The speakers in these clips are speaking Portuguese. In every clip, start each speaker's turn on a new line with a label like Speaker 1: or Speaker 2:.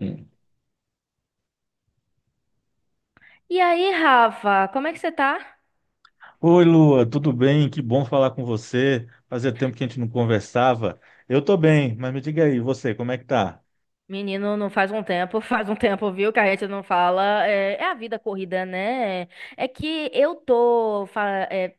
Speaker 1: Hum.
Speaker 2: E aí, Rafa, como é que você tá?
Speaker 1: Oi, Lua, tudo bem? Que bom falar com você. Fazia tempo que a gente não conversava. Eu tô bem, mas me diga aí, você, como é que tá?
Speaker 2: Menino, não faz um tempo, faz um tempo, viu, que a gente não fala. É a vida corrida, né? É que eu tô fa-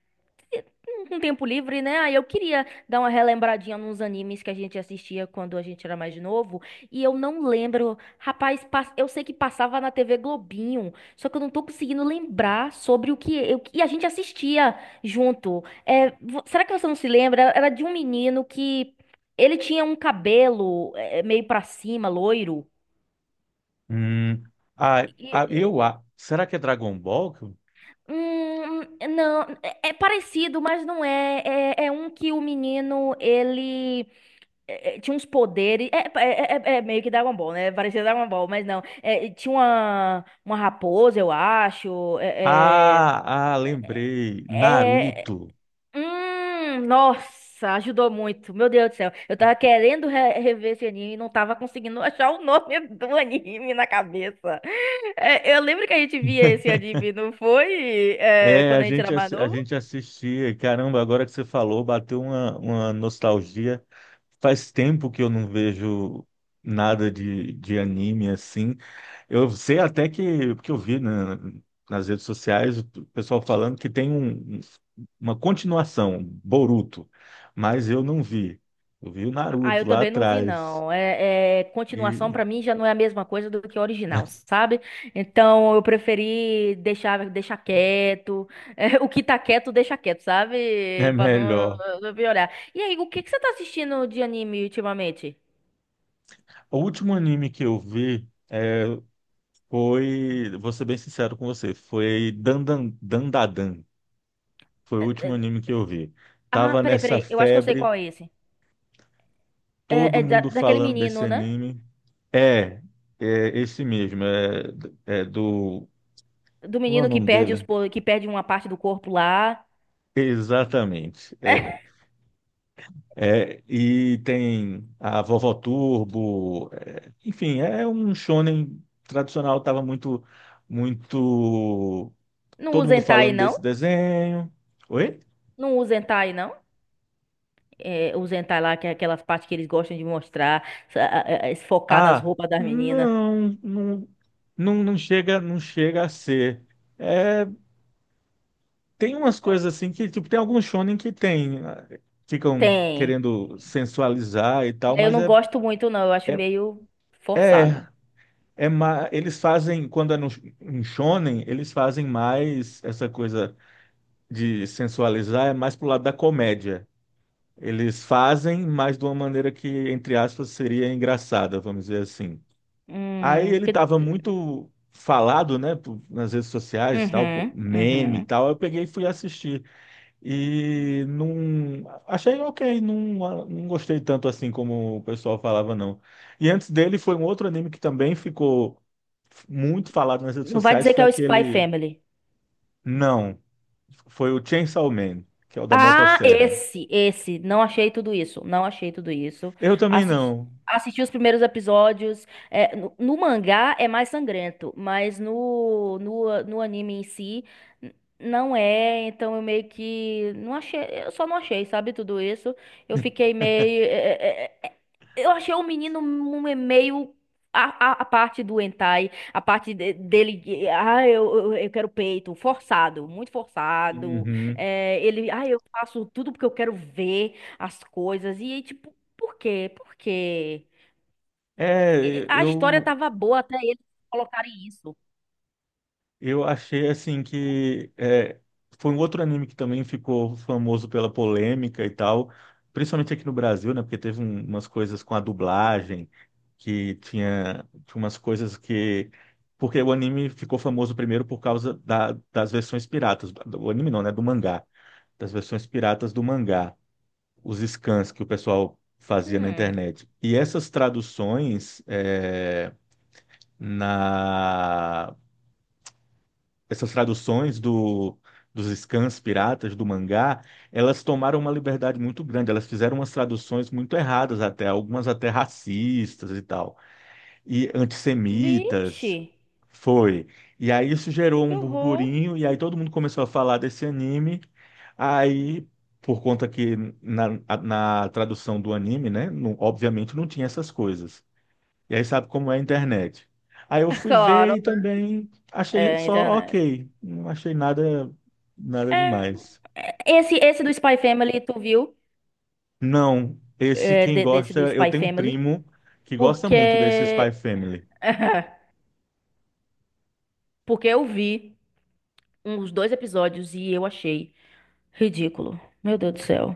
Speaker 2: com tempo livre, né? Aí eu queria dar uma relembradinha nos animes que a gente assistia quando a gente era mais novo. E eu não lembro. Rapaz, pas- eu sei que passava na TV Globinho, só que eu não tô conseguindo lembrar sobre o que eu... e a gente assistia junto. É, vo- será que você não se lembra? Era de um menino que. Ele tinha um cabelo é meio pra cima, loiro.
Speaker 1: Hum, ah, ah,
Speaker 2: E-
Speaker 1: eu, ah, será que é Dragon Ball?
Speaker 2: hum, não, é parecido, mas não é. É, é um que o menino, ele tinha uns poderes. É meio que Dragon Ball, né? Parecia Dragon Ball, mas não. É, tinha uma raposa, eu acho. É,
Speaker 1: Ah, lembrei.
Speaker 2: é, é-
Speaker 1: Naruto.
Speaker 2: Nossa, ajudou muito. Meu Deus do céu. Eu tava querendo re- rever esse anime e não tava conseguindo achar o nome do anime na cabeça. É, eu lembro que a gente via esse anime, não foi? É,
Speaker 1: É,
Speaker 2: quando a gente era mais
Speaker 1: a
Speaker 2: novo?
Speaker 1: gente assistia. Caramba, agora que você falou, bateu uma nostalgia. Faz tempo que eu não vejo nada de anime assim. Eu sei até que, porque eu vi nas redes sociais o pessoal falando que tem uma continuação, Boruto, mas eu não vi. Eu vi o
Speaker 2: Ah,
Speaker 1: Naruto
Speaker 2: eu
Speaker 1: lá
Speaker 2: também não vi,
Speaker 1: atrás
Speaker 2: não. Continuação
Speaker 1: e
Speaker 2: pra mim já não é a mesma coisa do que o original, sabe? Então eu preferi deixar, deixar quieto. É, o que tá quieto, deixa quieto,
Speaker 1: é
Speaker 2: sabe? Pra não,
Speaker 1: melhor.
Speaker 2: não piorar. E aí, o que que você tá assistindo de anime ultimamente?
Speaker 1: O último anime que eu vi foi, vou ser bem sincero com você, foi Dandadan. Foi o
Speaker 2: É,
Speaker 1: último
Speaker 2: é,
Speaker 1: anime que eu vi.
Speaker 2: Ah,
Speaker 1: Tava
Speaker 2: peraí,
Speaker 1: nessa
Speaker 2: peraí. Eu acho que eu sei
Speaker 1: febre,
Speaker 2: qual é esse. É,
Speaker 1: todo
Speaker 2: é da-
Speaker 1: mundo
Speaker 2: daquele
Speaker 1: falando desse
Speaker 2: menino, né?
Speaker 1: anime. É, é, esse mesmo. É, é do
Speaker 2: Do
Speaker 1: Como é o
Speaker 2: menino que
Speaker 1: nome
Speaker 2: perde os,
Speaker 1: dele?
Speaker 2: po- que perde uma parte do corpo lá.
Speaker 1: Exatamente. E tem a Vovó Turbo, enfim, é um shonen tradicional, tava muito, muito,
Speaker 2: Não
Speaker 1: todo
Speaker 2: usa
Speaker 1: mundo
Speaker 2: hentai,
Speaker 1: falando
Speaker 2: não?
Speaker 1: desse desenho. Oi?
Speaker 2: Não usa hentai, não? É, usa hentai lá, que é aquela parte que eles gostam de mostrar, sa- a- focar nas
Speaker 1: Ah,
Speaker 2: roupas das meninas.
Speaker 1: não, não, não, não chega a ser. É, tem umas coisas assim que, tipo, tem alguns shonen que ficam
Speaker 2: Tem.
Speaker 1: querendo sensualizar e tal,
Speaker 2: É, eu
Speaker 1: mas
Speaker 2: não gosto muito, não. Eu acho
Speaker 1: é,
Speaker 2: meio forçado.
Speaker 1: é. Eles fazem, quando é no em shonen, eles fazem mais essa coisa de sensualizar, é mais pro lado da comédia. Eles fazem, mas de uma maneira que, entre aspas, seria engraçada, vamos dizer assim. Aí ele
Speaker 2: Porque...
Speaker 1: estava muito falado, né, nas redes sociais, tal,
Speaker 2: Uhum,
Speaker 1: meme e
Speaker 2: uhum.
Speaker 1: tal. Eu peguei e fui assistir. E não. Achei ok, não, não gostei tanto assim como o pessoal falava, não. E antes dele foi um outro anime que também ficou muito falado nas redes
Speaker 2: Não vai
Speaker 1: sociais,
Speaker 2: dizer que
Speaker 1: foi
Speaker 2: é o Spy
Speaker 1: aquele.
Speaker 2: Family.
Speaker 1: Não, foi o Chainsaw Man, que é o da
Speaker 2: Ah,
Speaker 1: motosserra.
Speaker 2: esse, esse. Não achei tudo isso. Não achei tudo isso.
Speaker 1: Eu também
Speaker 2: Assisti,
Speaker 1: não.
Speaker 2: assisti os primeiros episódios. É, no mangá é mais sangrento, mas no anime em si n- não é. Então eu meio que não achei. Eu só não achei, sabe, tudo isso. Eu fiquei meio. Eu achei o menino me- meio. A parte do hentai, a parte de- dele, ah, eu quero peito, forçado, muito forçado.
Speaker 1: Uhum.
Speaker 2: É, ele, ah, eu faço tudo porque eu quero ver as coisas. E aí, tipo, por quê? Por quê? E-
Speaker 1: É,
Speaker 2: A história
Speaker 1: eu
Speaker 2: tava boa até eles colocarem isso.
Speaker 1: Eu achei assim que foi um outro anime que também ficou famoso pela polêmica e tal, principalmente aqui no Brasil, né? Porque teve umas coisas com a dublagem, que tinha umas coisas que. Porque o anime ficou famoso primeiro por causa das versões piratas. O anime não, né? Do mangá. Das versões piratas do mangá. Os scans que o pessoal fazia na
Speaker 2: Hum,
Speaker 1: internet. Na Essas traduções dos scans piratas, do mangá, elas tomaram uma liberdade muito grande. Elas fizeram umas traduções muito erradas até, algumas até racistas e tal, e
Speaker 2: vixe,
Speaker 1: antissemitas. Foi. E aí isso gerou
Speaker 2: que
Speaker 1: um
Speaker 2: horror.
Speaker 1: burburinho, e aí todo mundo começou a falar desse anime. Aí, por conta que na, na tradução do anime, né, obviamente não tinha essas coisas. E aí sabe como é a internet. Aí eu fui ver
Speaker 2: Claro,
Speaker 1: e
Speaker 2: né?
Speaker 1: também achei
Speaker 2: É,
Speaker 1: só
Speaker 2: internet.
Speaker 1: ok. Não achei nada, nada
Speaker 2: É,
Speaker 1: demais.
Speaker 2: esse, esse do Spy Family, tu viu?
Speaker 1: Não, esse
Speaker 2: É,
Speaker 1: quem
Speaker 2: de- desse
Speaker 1: gosta,
Speaker 2: do
Speaker 1: eu
Speaker 2: Spy
Speaker 1: tenho um
Speaker 2: Family?
Speaker 1: primo que gosta muito desse Spy
Speaker 2: Porque.
Speaker 1: Family.
Speaker 2: Porque eu vi uns dois episódios e eu achei. Ridículo. Meu Deus do céu.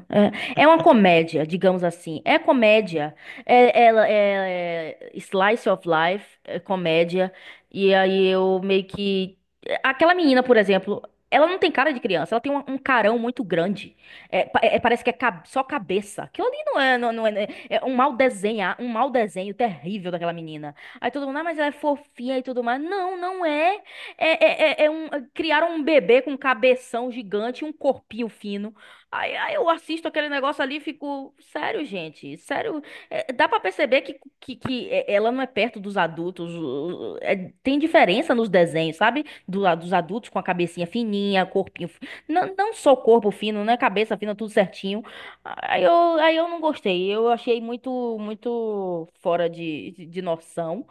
Speaker 2: É, é uma comédia, digamos assim. É comédia. É, ela é slice of life, é comédia. E aí eu meio que. Aquela menina, por exemplo, ela não tem cara de criança, ela tem um carão muito grande. É, pa- é- parece que é ca- só cabeça. Aquilo ali não é, não, não é. Né, é um mal desenhar, um mau desenho terrível daquela menina. Aí todo mundo, ah, mas ela é fofinha e tudo mais. Não, não é. É um, é, criaram um bebê com um cabeção gigante e um corpinho fino. Aí eu assisto aquele negócio ali e fico, sério, gente, sério. É, dá pra perceber que é- ela não é perto dos adultos. O- o- é- tem diferença nos desenhos, sabe? Do, lado dos adultos com a cabecinha fininha, corpinho. Fi- não, não só corpo fino, né? Cabeça fina, tudo certinho. Aí eu, aí eu não gostei. Eu achei muito, muito fora de noção.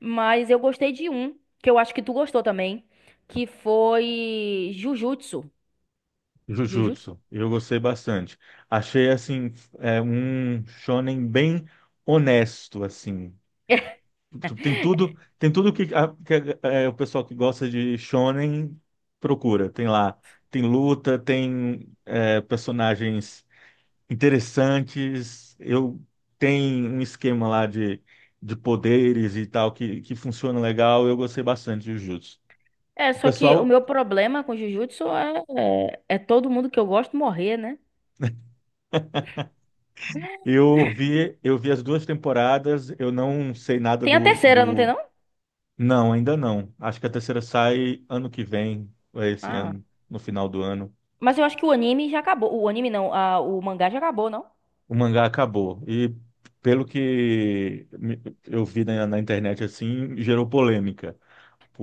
Speaker 2: Mas eu gostei de um que eu acho que tu gostou também, que foi Jujutsu. Jujutsu?
Speaker 1: Jujutsu. Eu gostei bastante. Achei assim, um shonen bem honesto assim. Tem tudo que é, o pessoal que gosta de shonen procura. Tem lá, tem luta, tem personagens interessantes. Eu tenho um esquema lá de poderes e tal que funciona legal. Eu gostei bastante de Jujutsu.
Speaker 2: É, só que o
Speaker 1: Pessoal,
Speaker 2: meu problema com Jujutsu é todo mundo que eu gosto morrer, né?
Speaker 1: eu vi as duas temporadas. Eu não sei nada
Speaker 2: Tem a
Speaker 1: do,
Speaker 2: terceira, não tem
Speaker 1: do...
Speaker 2: não?
Speaker 1: Não, ainda não. Acho que a terceira sai ano que vem, ou é esse
Speaker 2: Ah,
Speaker 1: ano, no final do ano.
Speaker 2: mas eu acho que o anime já acabou. O anime não, a, o mangá já acabou, não?
Speaker 1: O mangá acabou. E pelo que eu vi na internet assim, gerou polêmica.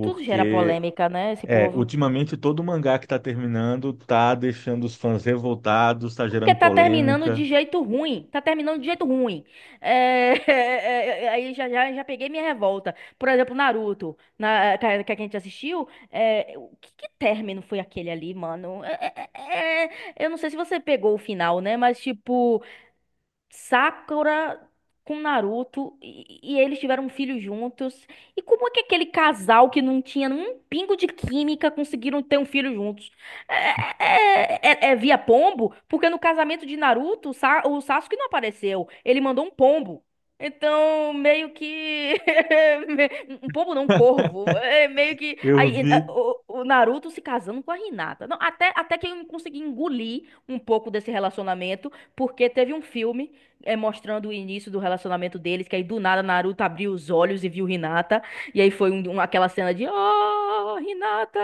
Speaker 2: Tudo gera polêmica, né, esse povo?
Speaker 1: Ultimamente todo mangá que tá terminando tá deixando os fãs revoltados, tá
Speaker 2: Porque
Speaker 1: gerando
Speaker 2: tá terminando
Speaker 1: polêmica.
Speaker 2: de jeito ruim. Tá terminando de jeito ruim. É, é, é, aí já peguei minha revolta. Por exemplo, Naruto, na, que a gente assistiu. É, o que, que término foi aquele ali, mano? Eu não sei se você pegou o final, né? Mas, tipo. Sakura com Naruto e eles tiveram um filho juntos. E como é que aquele casal que não tinha um pingo de química conseguiram ter um filho juntos? É, é- é- é é via pombo? Porque no casamento de Naruto, o Sa- o Sasuke não apareceu. Ele mandou um pombo. Então, meio que. Um pombo não, um corvo. É meio que.
Speaker 1: Eu
Speaker 2: Aí, eh,
Speaker 1: vi,
Speaker 2: o Naruto se casando com a Hinata. Não, até, até que eu consegui engolir um pouco desse relacionamento, porque teve um filme mostrando o início do relacionamento deles, que aí do nada Naruto abriu os olhos e viu Hinata, e aí foi um- um- aquela cena de Oh, Hinata!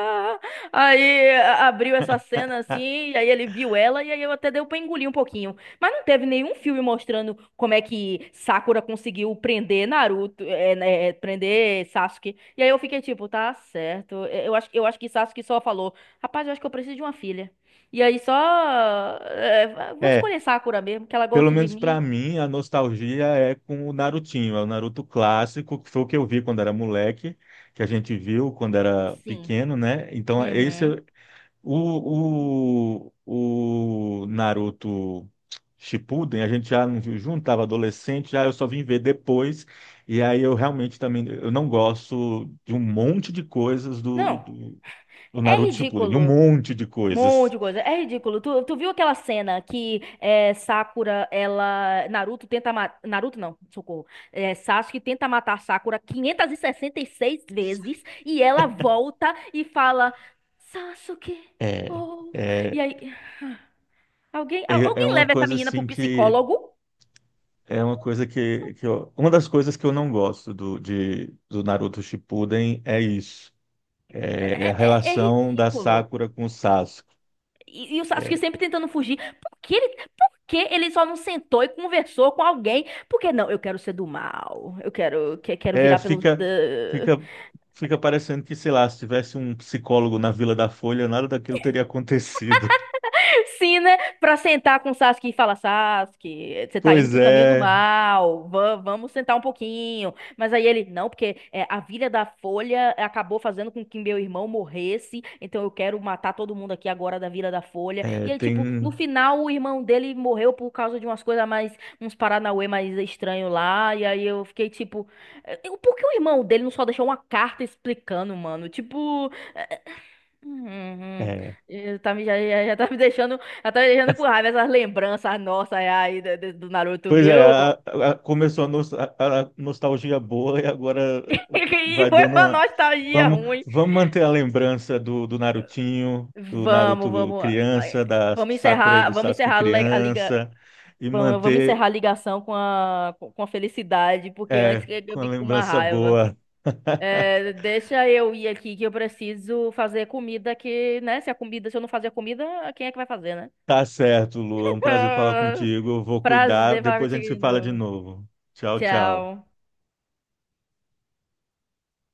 Speaker 2: Aí a- abriu essa cena
Speaker 1: ah,
Speaker 2: assim, e aí ele viu ela, e aí eu até deu pra engolir um pouquinho. Mas não teve nenhum filme mostrando como é que Sakura conseguiu prender Naruto, é, né, é, prender Sasuke. E aí eu fiquei tipo, tá certo. É, eu acho, eu acho que Sasuke só falou, rapaz, eu acho que eu preciso de uma filha. E aí só. É, vou
Speaker 1: é,
Speaker 2: escolher Sakura mesmo, que ela
Speaker 1: pelo
Speaker 2: gosta de
Speaker 1: menos pra
Speaker 2: mim.
Speaker 1: mim a nostalgia é com o Narutinho, é o Naruto clássico, que foi o que eu vi quando era moleque, que a gente viu quando era
Speaker 2: Sim.
Speaker 1: pequeno, né? Então esse
Speaker 2: Uhum.
Speaker 1: O, o, o Naruto Shippuden, a gente já não viu junto, estava adolescente, já eu só vim ver depois. E aí eu realmente também, eu não gosto de um monte de coisas do,
Speaker 2: Não,
Speaker 1: do, do
Speaker 2: é
Speaker 1: Naruto Shippuden, de um
Speaker 2: ridículo.
Speaker 1: monte de
Speaker 2: Um monte
Speaker 1: coisas.
Speaker 2: de coisa. É ridículo. Tu, tu viu aquela cena que é, Sakura, ela. Naruto tenta matar. Naruto não, socorro. É, Sasuke tenta matar Sakura 566 vezes e ela volta e fala: Sasuke,
Speaker 1: É,
Speaker 2: oh. E
Speaker 1: é,
Speaker 2: aí. Alguém, al-
Speaker 1: é,
Speaker 2: alguém
Speaker 1: uma
Speaker 2: leva essa
Speaker 1: coisa
Speaker 2: menina pro
Speaker 1: assim que,
Speaker 2: psicólogo?
Speaker 1: é uma coisa que uma das coisas que eu não gosto do Naruto Shippuden é isso, é a
Speaker 2: É
Speaker 1: relação da
Speaker 2: ridículo.
Speaker 1: Sakura com o Sasuke.
Speaker 2: E o Sasuke sempre tentando fugir. Por que ele só não sentou e conversou com alguém? Porque não, eu quero ser do mal. Eu quero, que- quero
Speaker 1: É,
Speaker 2: virar pelos.
Speaker 1: fica, fica parecendo que, sei lá, se tivesse um psicólogo na Vila da Folha, nada daquilo teria acontecido.
Speaker 2: Sim, né? Pra sentar com Sasuke e falar, Sasuke, você tá indo
Speaker 1: Pois
Speaker 2: pro caminho do
Speaker 1: é,
Speaker 2: mal, va- vamos sentar um pouquinho. Mas aí ele, não, porque é, a Vila da Folha acabou fazendo com que meu irmão morresse, então eu quero matar todo mundo aqui agora da Vila da Folha. E aí, tipo, no
Speaker 1: tem.
Speaker 2: final o irmão dele morreu por causa de umas coisas mais, uns paranauê mais estranho lá, e aí eu fiquei tipo, eh, por que o irmão dele não só deixou uma carta explicando, mano? Tipo. Uhum.
Speaker 1: É.
Speaker 2: Eh, tá me, já tá me deixando, já tá me deixando com raiva essas lembranças nossas aí do, do do Naruto,
Speaker 1: Pois é,
Speaker 2: viu?
Speaker 1: a- começou a, nos- a nostalgia boa e agora
Speaker 2: E
Speaker 1: vai
Speaker 2: foi
Speaker 1: dando
Speaker 2: uma
Speaker 1: uma.
Speaker 2: nostalgia
Speaker 1: Vamos,
Speaker 2: ruim.
Speaker 1: vamos manter a lembrança do Narutinho, do
Speaker 2: Vamos,
Speaker 1: Naruto
Speaker 2: vamos. Ai,
Speaker 1: criança, da
Speaker 2: vamos
Speaker 1: Sakura e
Speaker 2: encerrar,
Speaker 1: do
Speaker 2: vamos
Speaker 1: Sasuke
Speaker 2: encerrar le- a liga,
Speaker 1: criança, e
Speaker 2: va- vamos
Speaker 1: manter,
Speaker 2: encerrar a ligação com a, com com a felicidade, porque antes que eu
Speaker 1: com a
Speaker 2: fique com uma
Speaker 1: lembrança
Speaker 2: raiva.
Speaker 1: boa.
Speaker 2: Eh, deixa eu ir aqui que eu preciso fazer comida que, né? Se a comida, se eu não fazer a comida, quem é que vai fazer, né?
Speaker 1: Tá certo, Lu. É um prazer falar contigo. Eu vou cuidar.
Speaker 2: Prazer falar
Speaker 1: Depois a
Speaker 2: contigo
Speaker 1: gente se
Speaker 2: de
Speaker 1: fala de
Speaker 2: novo.
Speaker 1: novo. Tchau, tchau.
Speaker 2: Tchau.